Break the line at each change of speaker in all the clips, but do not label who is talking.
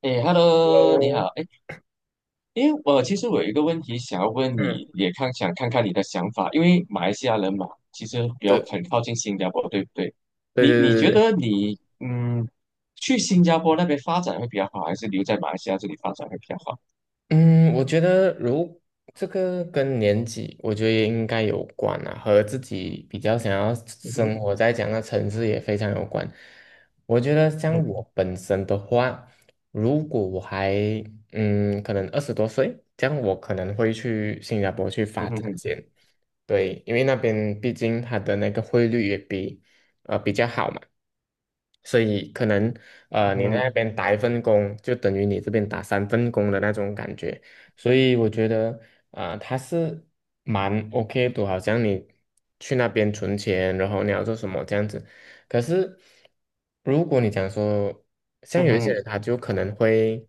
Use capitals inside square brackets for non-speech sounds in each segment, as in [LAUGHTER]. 哎，Hello，你
喽，
好。哎，因为其实我有一个问题想要问
嗯，
你，也想看看你的想法，因为马来西亚人嘛，其实比较
对，
很靠近新加坡，对不对？
对
你
对对
你
对
觉
对，
得去新加坡那边发展会比较好，还是留在马来西亚这里发展会比较好？
嗯，我觉得这个跟年纪，我觉得也应该有关啊，和自己比较想要
嗯哼，
生活在这样的城市也非常有关。我觉得像我
嗯
本身的话，如果我可能20多岁，这样我可能会去新加坡去
嗯
发展
嗯
先。对，因为那边毕竟它的那个汇率也比较好嘛，所以可能你
嗯
那边打1份工，就等于你这边打3份工的那种感觉，所以我觉得啊、它是蛮 OK 的，好像你去那边存钱，然后你要做什么这样子。可是如果你讲说，像
嗯
有一些人
嗯
他就可能会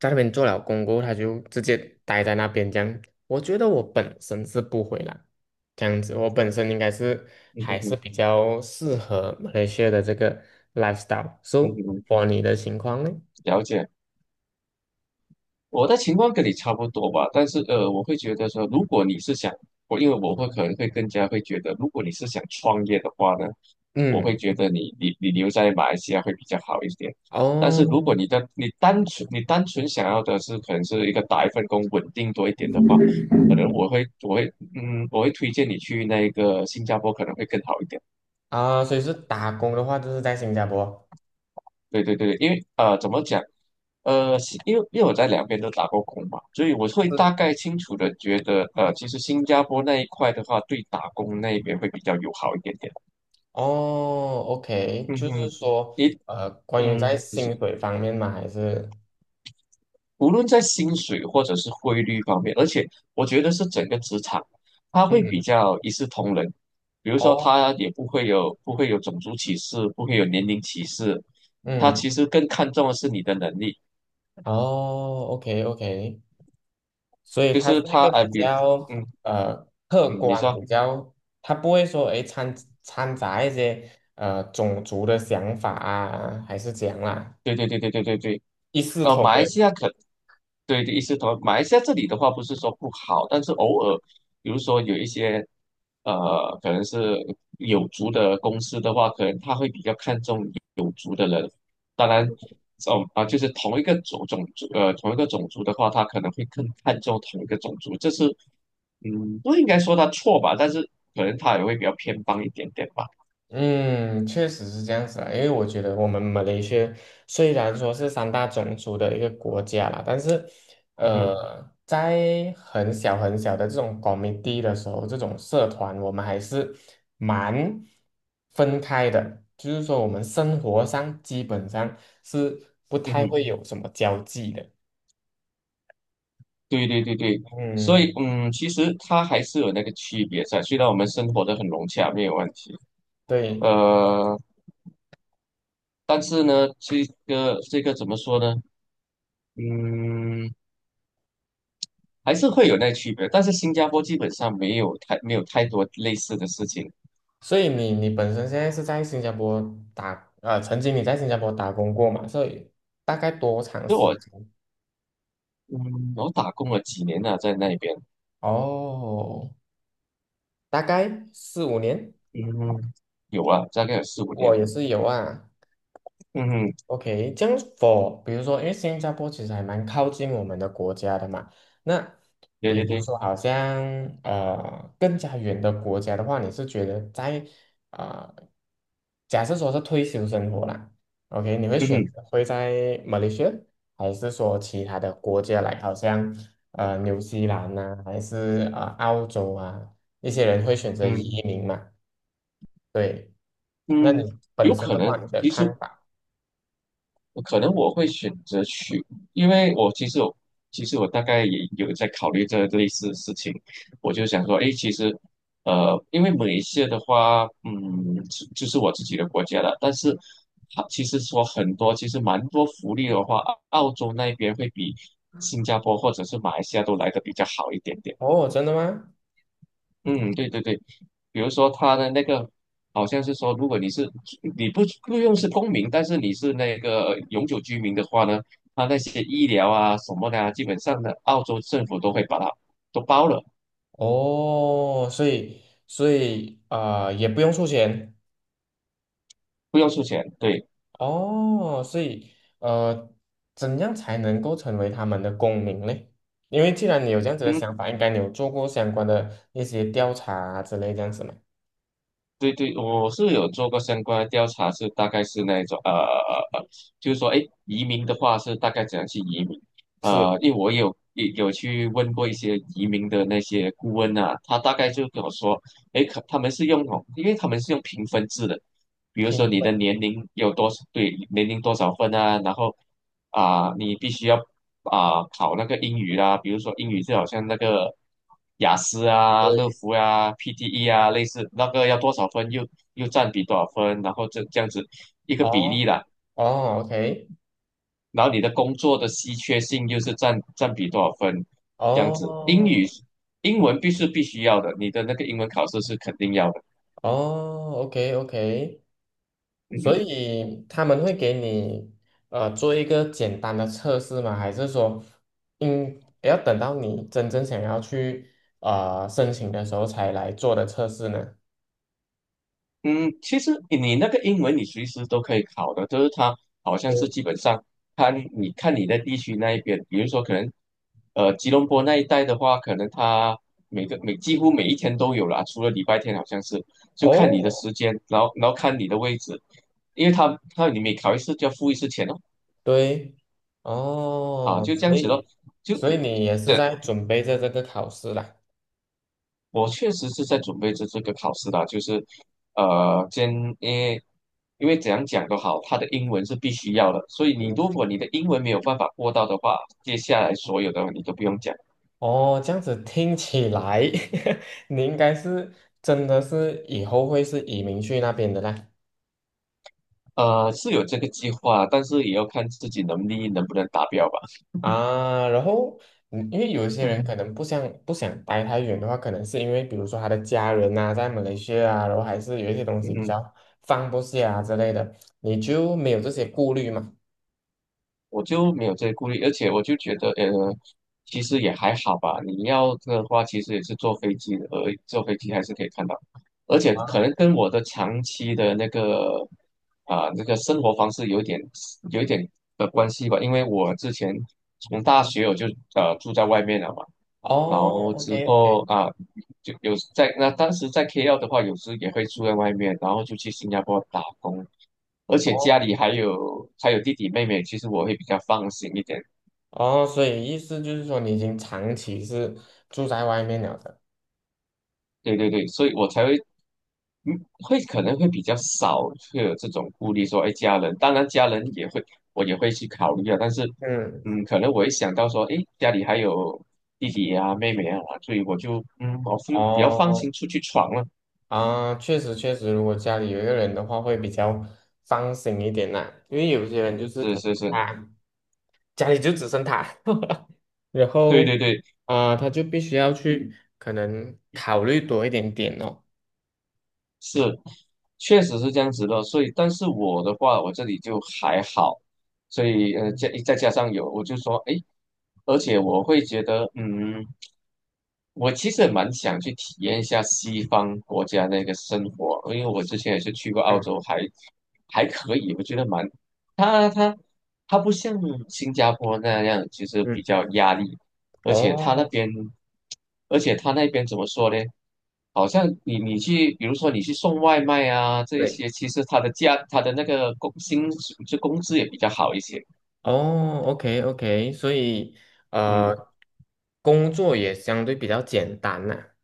在那边做了工过后他就直接待在那边这样，我觉得我本身是不回来，这样子，我本身应该是
嗯
还是
嗯
比较适合马来西亚的这个 lifestyle。
嗯
So
嗯，
for 你的情况呢？
了解。我的情况跟你差不多吧，但是我会觉得说，如果你是想我，因为我会可能会更加会觉得，如果你是想创业的话呢，我会
嗯，
觉得你留在马来西亚会比较好一点。但是如
哦，
果你的你单纯你单纯想要的是可能是一个打一份工稳定多一点的话，可能我会推荐你去那个新加坡可能会更好一点。
啊，所以是打工的话，就是在新加坡。
对对对，因为怎么讲？是因为我在两边都打过工嘛，所以我会
是，
大概清楚的觉得，其实新加坡那一块的话，对打工那一边会比较友好一点点。
哦，OK，
嗯
就是
哼，
说，
一
关于在
就是
薪水方面嘛，还是，
无论在薪水或者是汇率方面，而且我觉得是整个职场，它会比
嗯，
较一视同仁。比如说，
哦，
他也不会有种族歧视，不会有年龄歧视，他
嗯，
其实更看重的是你的能力，
哦，OK，OK，所以
就
它是
是
一
他，
个
哎，
比
比如
较
嗯
客
嗯，你
观，
说。
比较它不会说诶掺杂一些种族的想法啊，还是怎样啦，
对对对对对对对，
一视同
马来西
仁。
亚可对的意思同马来西亚这里的话不是说不好，但是偶尔，比如说有一些可能是有族的公司的话，可能他会比较看重，当然就是同一个种族同一个种族的话，他可能会更看重同一个种族，这是不应该说他错吧，但是可能他也会比较偏帮一点点吧，
嗯，确实是这样子啊，因为我觉得我们马来西亚虽然说是三大种族的一个国家啦，但是，
嗯哼
呃，在很小很小的这种 commit 的时候，这种社团，我们还是蛮分开的，就是说我们生活上基本上是不
嗯
太
哼。
会有什么交际的。
对对对对，所以
嗯，
其实它还是有那个区别在。虽然我们生活的很融洽，没有问题，
对。
呃，但是呢，这个怎么说呢？嗯，还是会有那区别。但是新加坡基本上没有太多类似的事情。
所以你本身现在是在新加坡曾经你在新加坡打工过嘛？所以大概多长
因为
时间？
我打工了几年了，在那边，
哦，大概4、5年，
嗯，有啊，大概有4、5年。
我也是有啊。
嗯哼，
OK，这样 for 比如说，因为新加坡其实还蛮靠近我们的国家的嘛。那
对
比
对
如
对，
说，好像更加远的国家的话，你是觉得呃假设说是退休生活啦，OK，你会
嗯
选
哼，
择会在马来西亚，还是说其他的国家来，好像纽西兰呐、还是澳洲啊，一些人会选择
嗯
移民嘛？对，那
嗯，
你本
有
身
可
的
能。
话，你的
其实
看法？
我可能会选择去，因为我其实我其实我大概也有在考虑这类似的事情，我就想说，哎，其实，因为马来西亚的话，就是我自己的国家了，但是它其实说很多，其实蛮多福利的话，澳洲那边会比新加坡或者是马来西亚都来的比较好一点点。
哦，真的吗？
嗯，对对对，比如说他的那个，好像是说，如果你不用是公民，但是你是那个永久居民的话呢，他那些医疗啊什么的啊，基本上呢，澳洲政府都会把它都包了，
哦，所以也不用出钱。
不用出钱。对，
哦，所以呃，怎样才能够成为他们的公民嘞？因为既然你有这样子的
嗯。
想法，应该你有做过相关的一些调查啊之类这样子嘛？
对对，我是有做过相关的调查，是大概是那一种就是说，哎，移民的话是大概怎样去移民？
是，
因为我有去问过一些移民的那些顾问啊，他大概就跟我说，哎，可他们是用那种因为他们是用评分制的，比如说
评
你
分，
的年龄有多少，对，年龄多少分啊，然后啊、你必须要啊、考那个英语啦，比如说英语就好像那个雅思啊、乐
对，
福啊、PTE 啊，类似那个要多少分又占比多少分，然后这样子一个比
哦
例啦。
哦，OK，
然后你的工作的稀缺性又是占比多少分，这样子。英
哦
语英文必须要的，你的那个英文考试是肯定要的。
哦，OK OK，
嗯
所
嗯。
以他们会给你做一个简单的测试吗？还是说，要等到你真正想要去申请的时候才来做的测试呢？
嗯，其实你那个英文你随时都可以考的，就是它好像
对。
是基本上看你在地区那一边，比如说可能吉隆坡那一带的话，可能它每个每几乎每一天都有啦，除了礼拜天好像是，就看你的
哦，
时间，然后看你的位置，因为你每考一次就要付一次钱哦，
对，
啊
哦，
就这样
所
子咯，
以，
就
所以你也是
对。
在准备着这个考试啦。
我确实是在准备这个考试啦，就是，先因为因为怎样讲都好，他的英文是必须要的，所以你
嗯
如果你的英文没有办法过到的话，接下来所有的你都不用讲。
哦，这样子听起来，[LAUGHS] 你应该是真的是以后会是移民去那边的啦。
是有这个计划，但是也要看自己能力能不能达标吧。
啊，然后，因为有一些人可
嗯
能不想待太远的话，可能是因为比如说他的家人啊在马来西亚啊，然后还是有一些东西比
嗯。
较放不下啊之类的，你就没有这些顾虑嘛？
我就没有这些顾虑，而且我就觉得，其实也还好吧。你要的话，其实也是坐飞机的，而坐飞机还是可以看到，而且
啊，
可能跟我的长期的那个生活方式有一点的关系吧。因为我之前从大学我就住在外面了嘛，然
哦
后之
，OK，
后啊就有在那当时在 KL 的话，有时也会住在外面，然后就去新加坡打工。而且家
哦。
里还有弟弟妹妹，其实我会比较放心一点。
哦，所以意思就是说你已经长期是住在外面了的。
对对对，所以我才会嗯，会可能会比较少会有这种顾虑说，哎，家人，当然家人也会，我也会去考虑啊。但是，
嗯，
可能我一想到说，哎，家里还有弟弟啊、妹妹啊，所以我就比较放
哦，
心出去闯了。
啊，确实确实，如果家里有一个人的话，会比较放心一点啦。因为有些人就是
是
可能
是是，
他家里就只剩他，[LAUGHS] 然
对
后
对对，
啊、他就必须要去可能考虑多一点点哦。
是，确实是这样子的，所以，但是我的话，我这里就还好，所以，再加上有，我就说，诶，而且我会觉得，嗯。我其实也蛮想去体验一下西方国家那个生活，因为我之前也是去过澳
嗯
洲，还可以，我觉得蛮，它它它不像新加坡那样，其实比
嗯，
较压力，而且它那
哦，
边，而且它那边怎么说呢？好像你去，比如说你去送外卖啊这一
对，
些，其实它的价，它的那个工薪水就工资也比较好一些，
哦，OK OK，所以
嗯。
呃，工作也相对比较简单啦。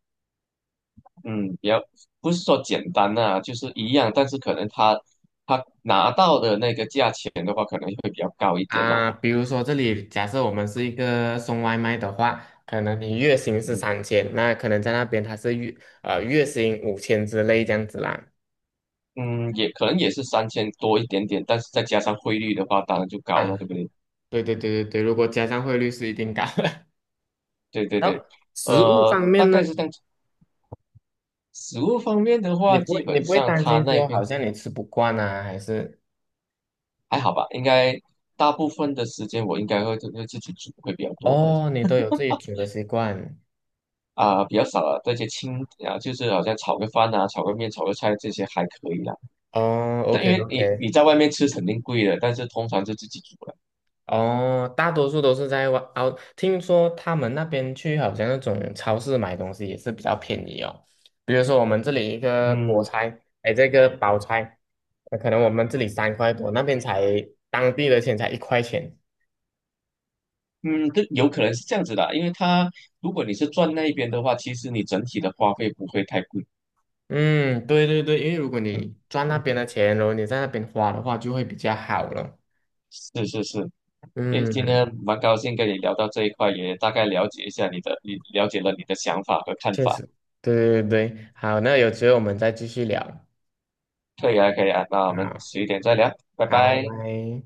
嗯，比较不是说简单呐、就是一样，但是可能他拿到的那个价钱的话，可能会比较高一点呐、
啊，比如说这里假设我们是一个送外卖的话，可能你月薪是
嗯
3000，那可能在那边他是月薪5000之类这样子啦。
嗯，也可能也是3000多一点点，但是再加上汇率的话，当然就高
啊，
了，对不对？
对对对对对，如果加上汇率是一定高的。
对
[LAUGHS]
对
然后
对，
食物方面
大
呢，
概是这样子。食物方面的
你
话，
不
基
会你
本
不会
上
担
他
心
那
说好
边
像你吃不惯啊，还是
还好吧，应该大部分的时间我应该会自己煮会比较多吧，
哦你都有自己煮的习惯？
啊、比较少了这些轻啊，就是好像炒个饭啊、炒个面、炒个菜这些还可以啦。
哦
但因
，OK
为你
OK，
在外面吃肯定贵的，但是通常是自己煮了。
哦，大多数都是在外哦。听说他们那边去好像那种超市买东西也是比较便宜哦。比如说我们这里一个菠
嗯
菜，哎，这个包菜，可能我们这里3块多，那边才当地的钱才1块钱。
嗯，这有可能是这样子的啊因为它如果你是转那一边的话，其实你整体的花费不会太贵。
嗯，对对对，因为如果
嗯
你赚那
嗯，
边的钱，然后你在那边花的话，就会比较好了。
是是是。诶，今
嗯，
天蛮高兴跟你聊到这一块，也大概了解一下你的，你了解了你的想法和看
确
法。
实，对对对，好，那有机会我们再继续聊。
可以啊，可以啊，那我们
好，
迟一点再聊，拜
好，拜
拜。
拜。